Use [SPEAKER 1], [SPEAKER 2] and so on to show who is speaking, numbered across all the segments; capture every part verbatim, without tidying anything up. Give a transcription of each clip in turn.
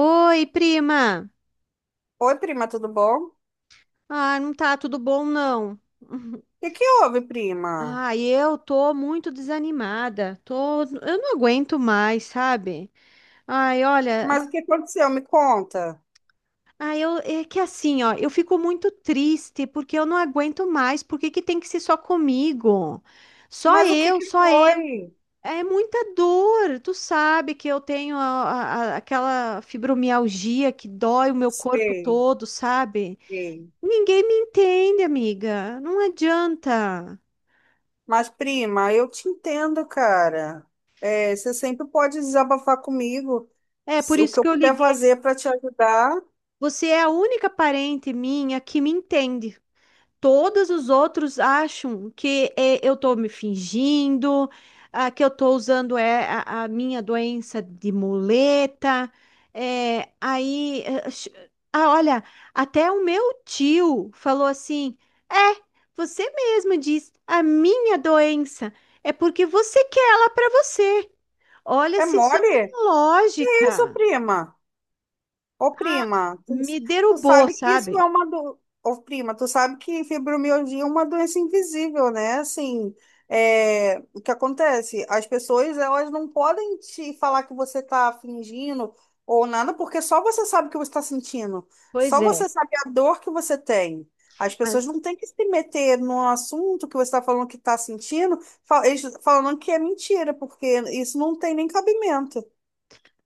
[SPEAKER 1] Oi, prima.
[SPEAKER 2] Oi, prima, tudo bom? O
[SPEAKER 1] Ah, não tá tudo bom, não.
[SPEAKER 2] que que houve, prima?
[SPEAKER 1] Ah, eu tô muito desanimada. Tô, eu não aguento mais, sabe? Ai, olha,
[SPEAKER 2] Mas o que aconteceu? Me conta.
[SPEAKER 1] ai, eu, é que assim, ó, eu fico muito triste porque eu não aguento mais. Por que que tem que ser só comigo? Só
[SPEAKER 2] Mas o que
[SPEAKER 1] eu,
[SPEAKER 2] que
[SPEAKER 1] só eu.
[SPEAKER 2] foi?
[SPEAKER 1] É muita dor. Tu sabe que eu tenho a- a- a- aquela fibromialgia que dói o meu corpo
[SPEAKER 2] Sei,
[SPEAKER 1] todo, sabe?
[SPEAKER 2] sei.
[SPEAKER 1] Ninguém me entende, amiga. Não adianta.
[SPEAKER 2] Mas, prima, eu te entendo, cara. É, você sempre pode desabafar comigo.
[SPEAKER 1] É por
[SPEAKER 2] Se- O que
[SPEAKER 1] isso
[SPEAKER 2] eu
[SPEAKER 1] que eu
[SPEAKER 2] puder
[SPEAKER 1] liguei.
[SPEAKER 2] fazer para te ajudar
[SPEAKER 1] Você é a única parente minha que me entende. Todos os outros acham que é, eu tô me fingindo, ah, que eu tô usando é, a, a minha doença de muleta. É, aí, eh, ch- ah, olha, até o meu tio falou assim: É, você mesma diz, a minha doença é porque você quer ela pra você. Olha
[SPEAKER 2] é
[SPEAKER 1] se isso tem
[SPEAKER 2] mole? Que isso,
[SPEAKER 1] lógica.
[SPEAKER 2] prima? Ô,
[SPEAKER 1] Ah,
[SPEAKER 2] prima, tu,
[SPEAKER 1] me
[SPEAKER 2] tu
[SPEAKER 1] derrubou,
[SPEAKER 2] sabe que isso é
[SPEAKER 1] sabe?
[SPEAKER 2] uma do... Ô, prima, tu sabe que fibromialgia é uma doença invisível, né? Assim, é, o que acontece? As pessoas, elas não podem te falar que você tá fingindo ou nada, porque só você sabe o que você está sentindo.
[SPEAKER 1] Pois
[SPEAKER 2] Só
[SPEAKER 1] é,
[SPEAKER 2] você sabe a dor que você tem. As pessoas
[SPEAKER 1] mas
[SPEAKER 2] não têm que se meter no assunto que você está falando que está sentindo, fal- eles falando que é mentira, porque isso não tem nem cabimento.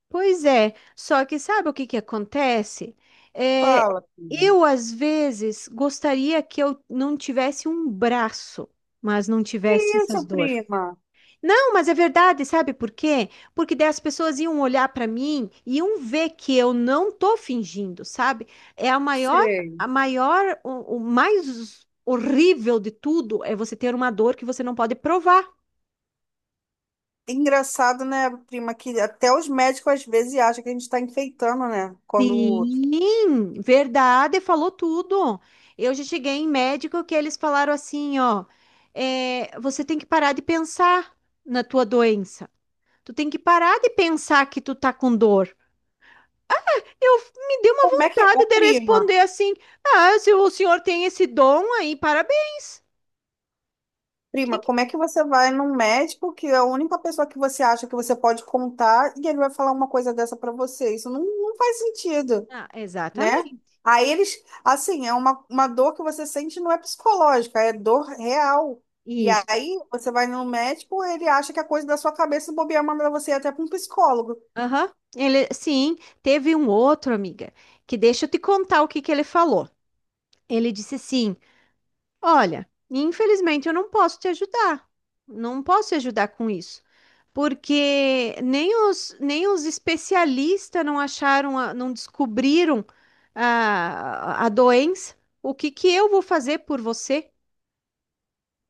[SPEAKER 1] pois é. Só que sabe o que que acontece? É,
[SPEAKER 2] Fala, prima.
[SPEAKER 1] eu às vezes gostaria que eu não tivesse um braço, mas não
[SPEAKER 2] Que
[SPEAKER 1] tivesse essas
[SPEAKER 2] isso,
[SPEAKER 1] dor.
[SPEAKER 2] prima?
[SPEAKER 1] Não, mas é verdade, sabe por quê? Porque daí as pessoas iam olhar para mim e iam ver que eu não tô fingindo, sabe? É a maior,
[SPEAKER 2] Sei.
[SPEAKER 1] a maior, o, o mais horrível de tudo é você ter uma dor que você não pode provar.
[SPEAKER 2] Engraçado, né, prima, que até os médicos às vezes acham que a gente está enfeitando, né? Quando.
[SPEAKER 1] Sim, verdade, falou tudo. Eu já cheguei em médico que eles falaram assim, ó, é, você tem que parar de pensar na tua doença. Tu tem que parar de pensar que tu tá com dor. Eu me dei uma
[SPEAKER 2] Como é que. Ô,
[SPEAKER 1] vontade de
[SPEAKER 2] prima,
[SPEAKER 1] responder assim: Ah, se o senhor tem esse dom aí, parabéns. Quem
[SPEAKER 2] prima,
[SPEAKER 1] que-
[SPEAKER 2] como é que você vai num médico que é a única pessoa que você acha que você pode contar e ele vai falar uma coisa dessa pra você? Isso não, não faz sentido,
[SPEAKER 1] Ah,
[SPEAKER 2] né?
[SPEAKER 1] exatamente.
[SPEAKER 2] Aí eles, assim, é uma, uma dor que você sente não é psicológica, é dor real. E
[SPEAKER 1] Isso.
[SPEAKER 2] aí você vai no médico, ele acha que é coisa da sua cabeça e bobear manda você ir até para um psicólogo.
[SPEAKER 1] Aham. Ele, sim, teve um outro, amiga, que deixa eu te contar o que que ele falou. Ele disse assim: Olha, infelizmente eu não posso te ajudar. Não posso te ajudar com isso. Porque nem os, nem os especialistas não acharam, a- não descobriram a, a doença. O que que eu vou fazer por você?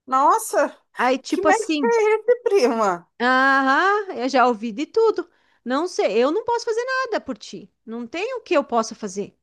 [SPEAKER 2] Nossa!
[SPEAKER 1] Aí,
[SPEAKER 2] Que
[SPEAKER 1] tipo
[SPEAKER 2] médico
[SPEAKER 1] assim,
[SPEAKER 2] é esse, prima?
[SPEAKER 1] aham, eu já ouvi de tudo. Não sei, eu não posso fazer nada por ti. Não tem o que eu possa fazer.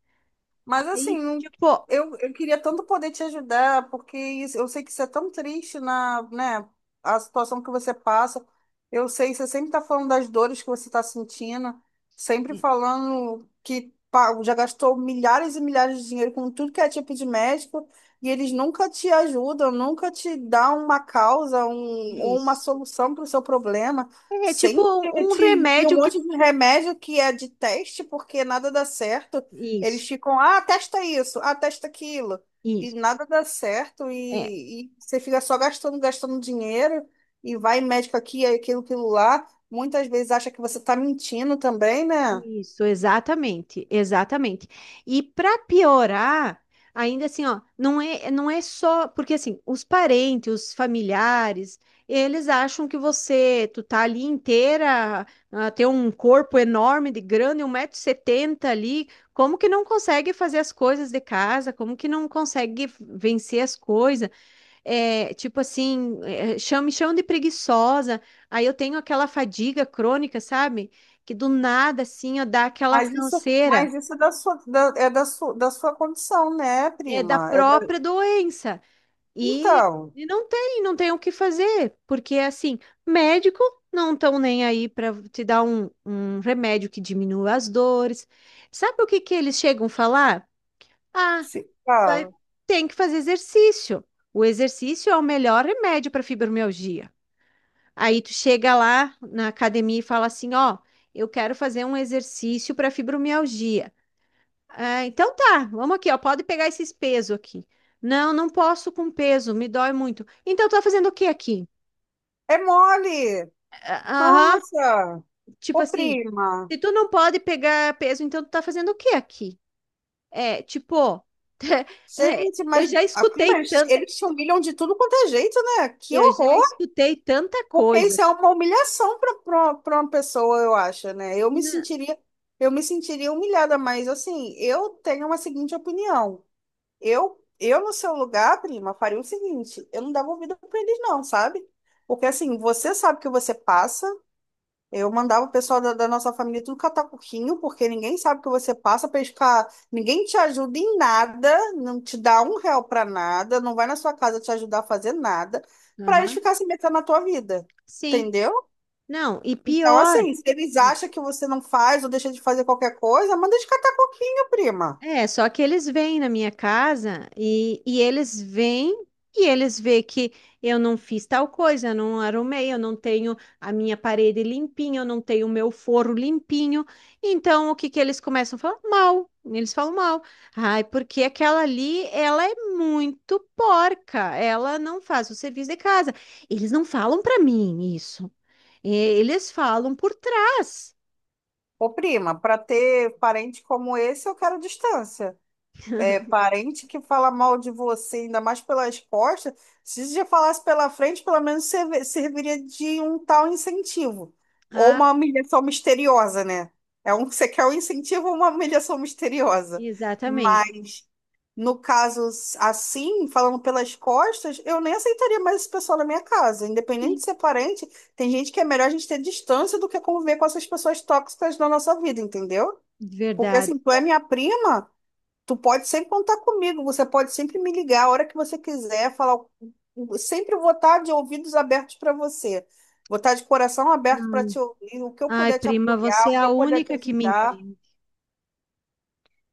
[SPEAKER 2] Mas
[SPEAKER 1] Aí,
[SPEAKER 2] assim, não-
[SPEAKER 1] tipo,
[SPEAKER 2] eu, eu queria tanto poder te ajudar, porque isso- eu sei que isso é tão triste na, né, a situação que você passa. Eu sei, você sempre está falando das dores que você está sentindo, sempre
[SPEAKER 1] i-
[SPEAKER 2] falando que pá, já gastou milhares e milhares de dinheiro com tudo que é tipo de médico, e eles nunca te ajudam, nunca te dão uma causa, um, ou uma
[SPEAKER 1] isso.
[SPEAKER 2] solução para o seu problema.
[SPEAKER 1] É tipo
[SPEAKER 2] Sempre
[SPEAKER 1] um um
[SPEAKER 2] te enfia um
[SPEAKER 1] remédio que.
[SPEAKER 2] monte de remédio que é de teste, porque nada dá certo.
[SPEAKER 1] Isso,
[SPEAKER 2] Eles ficam, ah, testa isso, ah, testa aquilo. E
[SPEAKER 1] isso.
[SPEAKER 2] nada dá certo,
[SPEAKER 1] É.
[SPEAKER 2] e, e você fica só gastando, gastando dinheiro, e vai médico aqui, aí aquilo, aquilo lá. Muitas vezes acha que você está mentindo também, né?
[SPEAKER 1] Isso, exatamente, exatamente. E para piorar, ainda assim, ó, não é, não é só porque assim, os parentes, os familiares, eles acham que você, tu tá ali inteira, ah, tem um corpo enorme de grande, um metro e setenta ali, como que não consegue fazer as coisas de casa? Como que não consegue vencer as coisas? É, tipo assim, é, chama, me chamam de preguiçosa. Aí eu tenho aquela fadiga crônica, sabe? Que do nada, assim, ó, dá aquela
[SPEAKER 2] Mas isso,
[SPEAKER 1] canseira,
[SPEAKER 2] mas isso é da sua, da, é da sua, da sua condição, né,
[SPEAKER 1] é, da
[SPEAKER 2] prima? É da...
[SPEAKER 1] própria doença. E,
[SPEAKER 2] Então,
[SPEAKER 1] e não tem, não tem o que fazer, porque assim, médico não estão nem aí para te dar um, um remédio que diminua as dores. Sabe o que que eles chegam a falar? Ah,
[SPEAKER 2] se
[SPEAKER 1] vai-
[SPEAKER 2] fala.
[SPEAKER 1] tem que fazer exercício. O exercício é o melhor remédio para fibromialgia. Aí tu chega lá na academia e fala assim, ó, eu quero fazer um exercício para fibromialgia. Ah, então tá, vamos aqui, ó, pode pegar esses pesos aqui. Não, não posso com peso, me dói muito. Então tá fazendo o que aqui?
[SPEAKER 2] É mole!
[SPEAKER 1] Ah, aham,
[SPEAKER 2] Nossa!
[SPEAKER 1] tipo
[SPEAKER 2] Ô,
[SPEAKER 1] assim,
[SPEAKER 2] prima!
[SPEAKER 1] se tu não pode pegar peso, então tu tá fazendo o que aqui? É, tipo, é,
[SPEAKER 2] Gente,
[SPEAKER 1] eu
[SPEAKER 2] mas
[SPEAKER 1] já
[SPEAKER 2] a prima,
[SPEAKER 1] escutei
[SPEAKER 2] eles
[SPEAKER 1] tanto,
[SPEAKER 2] eles te humilham de tudo quanto é jeito, né? Que
[SPEAKER 1] eu já
[SPEAKER 2] horror!
[SPEAKER 1] escutei tanta
[SPEAKER 2] Porque
[SPEAKER 1] coisa.
[SPEAKER 2] isso é uma humilhação para uma pessoa, eu acho, né? Eu me
[SPEAKER 1] Não,
[SPEAKER 2] sentiria, eu me sentiria humilhada, mas assim, eu tenho uma seguinte opinião. Eu, eu no seu lugar, prima, faria o seguinte, eu não dava ouvido para eles não, sabe? Porque assim, você sabe o que você passa, eu mandava o pessoal da, da nossa família tudo catar coquinho, porque ninguém sabe o que você passa para ficar. Ninguém te ajuda em nada, não te dá um real para nada, não vai na sua casa te ajudar a fazer nada, para eles
[SPEAKER 1] aham,
[SPEAKER 2] ficarem se metendo na tua vida.
[SPEAKER 1] sim,
[SPEAKER 2] Entendeu?
[SPEAKER 1] não, e
[SPEAKER 2] Então,
[SPEAKER 1] pior.
[SPEAKER 2] assim, se eles
[SPEAKER 1] É,
[SPEAKER 2] acham que você não faz ou deixa de fazer qualquer coisa, manda eles catar coquinho, prima.
[SPEAKER 1] é, só que eles vêm na minha casa e, e eles vêm e eles vê que eu não fiz tal coisa, eu não arrumei, eu não tenho a minha parede limpinha, eu não tenho o meu forro limpinho. Então, o que que eles começam a falar? Mal. Eles falam mal. Ai, porque aquela ali, ela é muito porca, ela não faz o serviço de casa. Eles não falam para mim isso. E- Eles falam por trás.
[SPEAKER 2] Ô, prima, para ter parente como esse, eu quero distância. Parente que fala mal de você, ainda mais pelas costas, se você já falasse pela frente, pelo menos serve- serviria de um tal incentivo. Ou
[SPEAKER 1] Ah,
[SPEAKER 2] uma humilhação misteriosa, né? É um, você quer um incentivo ou uma humilhação misteriosa.
[SPEAKER 1] exatamente.
[SPEAKER 2] Mas, no caso assim, falando pelas costas, eu nem aceitaria mais esse pessoal na minha casa. Independente de
[SPEAKER 1] Sim,
[SPEAKER 2] ser parente, tem gente que é melhor a gente ter distância do que conviver com essas pessoas tóxicas na nossa vida, entendeu? Porque assim,
[SPEAKER 1] verdade.
[SPEAKER 2] tu é minha prima. Tu pode sempre contar comigo, você pode sempre me ligar a hora que você quiser, falar. o- Sempre vou estar de ouvidos abertos para você. Vou estar de coração aberto para te ouvir, o que eu
[SPEAKER 1] Ai,
[SPEAKER 2] puder te
[SPEAKER 1] prima, você
[SPEAKER 2] apoiar,
[SPEAKER 1] é
[SPEAKER 2] o que
[SPEAKER 1] a
[SPEAKER 2] eu puder te
[SPEAKER 1] única que me
[SPEAKER 2] ajudar.
[SPEAKER 1] entende.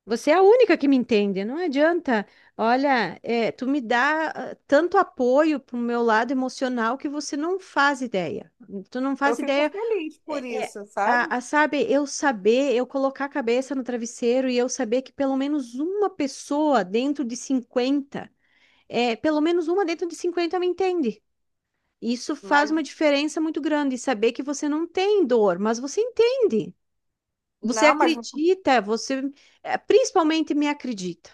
[SPEAKER 1] Você é a única que me entende, não adianta. Olha, é, tu me dá ah, tanto apoio pro meu lado emocional que você não faz ideia. Tu não
[SPEAKER 2] Eu
[SPEAKER 1] faz
[SPEAKER 2] fico
[SPEAKER 1] ideia.
[SPEAKER 2] feliz por
[SPEAKER 1] É, é,
[SPEAKER 2] isso, sabe?
[SPEAKER 1] a, a, sabe, eu saber, eu colocar a cabeça no travesseiro e eu saber que pelo menos uma pessoa dentro de cinquenta, é, pelo menos uma dentro de cinquenta me entende. Isso faz
[SPEAKER 2] Mas
[SPEAKER 1] uma diferença muito grande, saber que você não tem dor, mas você entende. Você
[SPEAKER 2] não, mas
[SPEAKER 1] acredita, você eh, principalmente me acredita.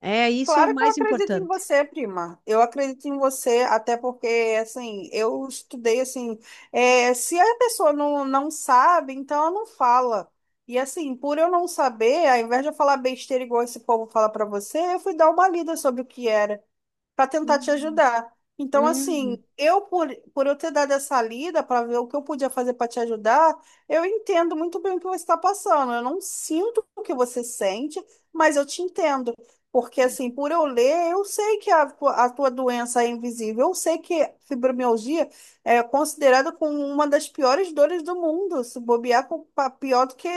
[SPEAKER 1] É isso é o
[SPEAKER 2] claro que eu
[SPEAKER 1] mais
[SPEAKER 2] acredito em
[SPEAKER 1] importante.
[SPEAKER 2] você, prima. Eu acredito em você, até porque, assim, eu estudei, assim, é, se a pessoa não, não sabe, então ela não fala. E, assim, por eu não saber, ao invés de eu falar besteira igual esse povo fala pra você, eu fui dar uma lida sobre o que era para tentar te
[SPEAKER 1] Hum.
[SPEAKER 2] ajudar. Então, assim,
[SPEAKER 1] Hum.
[SPEAKER 2] eu por, por eu ter dado essa lida para ver o que eu podia fazer para te ajudar, eu entendo muito bem o que você está passando. Eu não sinto o que você sente, mas eu te entendo. Porque, assim, por eu ler, eu sei que a, tua- a tua doença é invisível. Eu sei que fibromialgia é considerada como uma das piores dores do mundo. Se bobear, com- pa- pior do que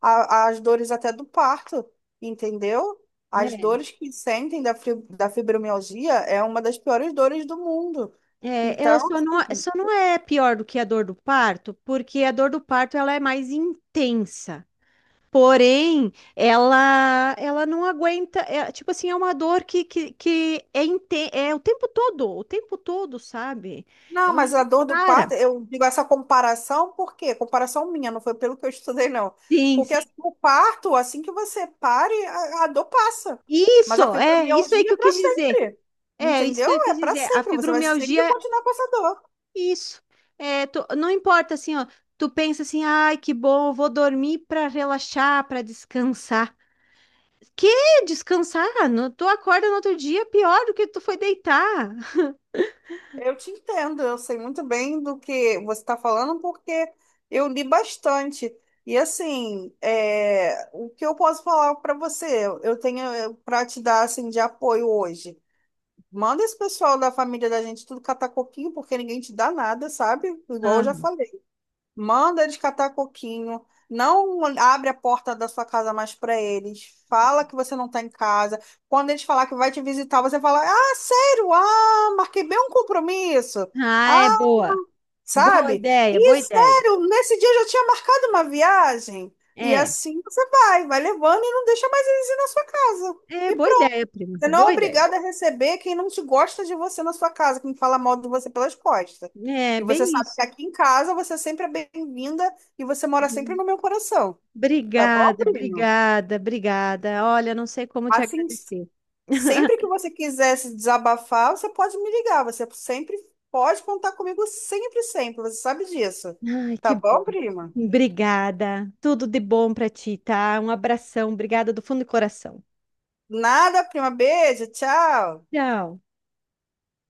[SPEAKER 2] a- as dores até do parto, entendeu? As
[SPEAKER 1] É,
[SPEAKER 2] dores que sentem da fri- da fibromialgia é uma das piores dores do mundo.
[SPEAKER 1] é, ela
[SPEAKER 2] Então,
[SPEAKER 1] só não, só não é pior do que a dor do parto, porque a dor do parto ela é mais intensa. Porém, ela ela não aguenta, é, tipo assim, é uma dor que, que, que é, inte- é o tempo todo, o tempo todo, sabe?
[SPEAKER 2] não,
[SPEAKER 1] Ela
[SPEAKER 2] mas a
[SPEAKER 1] não
[SPEAKER 2] dor do
[SPEAKER 1] para.
[SPEAKER 2] parto, eu digo essa comparação, por quê? Comparação minha, não foi pelo que eu estudei, não.
[SPEAKER 1] Sim,
[SPEAKER 2] Porque
[SPEAKER 1] sim.
[SPEAKER 2] assim, o parto, assim que você pare, a, a dor passa. Mas a
[SPEAKER 1] Isso, é, isso aí
[SPEAKER 2] fibromialgia
[SPEAKER 1] que
[SPEAKER 2] é
[SPEAKER 1] eu
[SPEAKER 2] para
[SPEAKER 1] quis dizer.
[SPEAKER 2] sempre.
[SPEAKER 1] É, isso que
[SPEAKER 2] Entendeu?
[SPEAKER 1] eu
[SPEAKER 2] É
[SPEAKER 1] quis
[SPEAKER 2] para
[SPEAKER 1] dizer. A
[SPEAKER 2] sempre. Você vai sempre
[SPEAKER 1] fibromialgia é
[SPEAKER 2] continuar com essa dor.
[SPEAKER 1] isso. É, tu- não importa assim, ó. Tu pensa assim, ai, que bom, vou dormir para relaxar, para descansar. Que descansar? No, tu acorda no outro dia pior do que tu foi deitar.
[SPEAKER 2] Eu te entendo, eu sei muito bem do que você está falando, porque eu li bastante. E assim, é, o que eu posso falar para você? Eu tenho para te dar assim, de apoio hoje. Manda esse pessoal da família da gente tudo catar coquinho, porque ninguém te dá nada, sabe? Igual eu
[SPEAKER 1] Ah,
[SPEAKER 2] já falei. Manda eles catar coquinho. Não abre a porta da sua casa mais para eles. Fala que você não tá em casa. Quando eles falar que vai te visitar, você fala: Ah, sério? Ah, marquei bem um compromisso.
[SPEAKER 1] ah,
[SPEAKER 2] Ah,
[SPEAKER 1] é boa. Boa
[SPEAKER 2] sabe?
[SPEAKER 1] ideia,
[SPEAKER 2] E
[SPEAKER 1] boa ideia.
[SPEAKER 2] sério, nesse dia eu já tinha marcado uma viagem. E
[SPEAKER 1] É,
[SPEAKER 2] assim você vai, vai levando e não deixa mais eles ir na sua casa.
[SPEAKER 1] é
[SPEAKER 2] E
[SPEAKER 1] boa
[SPEAKER 2] pronto.
[SPEAKER 1] ideia, prima.
[SPEAKER 2] Você não é
[SPEAKER 1] Boa ideia.
[SPEAKER 2] obrigado a receber quem não te gosta de você na sua casa, quem fala mal de você pelas costas.
[SPEAKER 1] É,
[SPEAKER 2] E você
[SPEAKER 1] bem
[SPEAKER 2] sabe
[SPEAKER 1] isso.
[SPEAKER 2] que aqui em casa você sempre é bem-vinda e você mora sempre
[SPEAKER 1] Uhum.
[SPEAKER 2] no meu coração. Tá bom,
[SPEAKER 1] Obrigada,
[SPEAKER 2] primo?
[SPEAKER 1] obrigada, obrigada. Olha, não sei como te
[SPEAKER 2] Assim,
[SPEAKER 1] agradecer.
[SPEAKER 2] sempre que você quiser se desabafar, você pode me ligar. Você sempre pode contar comigo, sempre, sempre. Você sabe disso.
[SPEAKER 1] Ai,
[SPEAKER 2] Tá
[SPEAKER 1] que
[SPEAKER 2] bom,
[SPEAKER 1] bom.
[SPEAKER 2] prima?
[SPEAKER 1] Obrigada. Tudo de bom pra ti, tá? Um abração. Obrigada do fundo do coração.
[SPEAKER 2] Nada, prima. Beijo, tchau.
[SPEAKER 1] Tchau.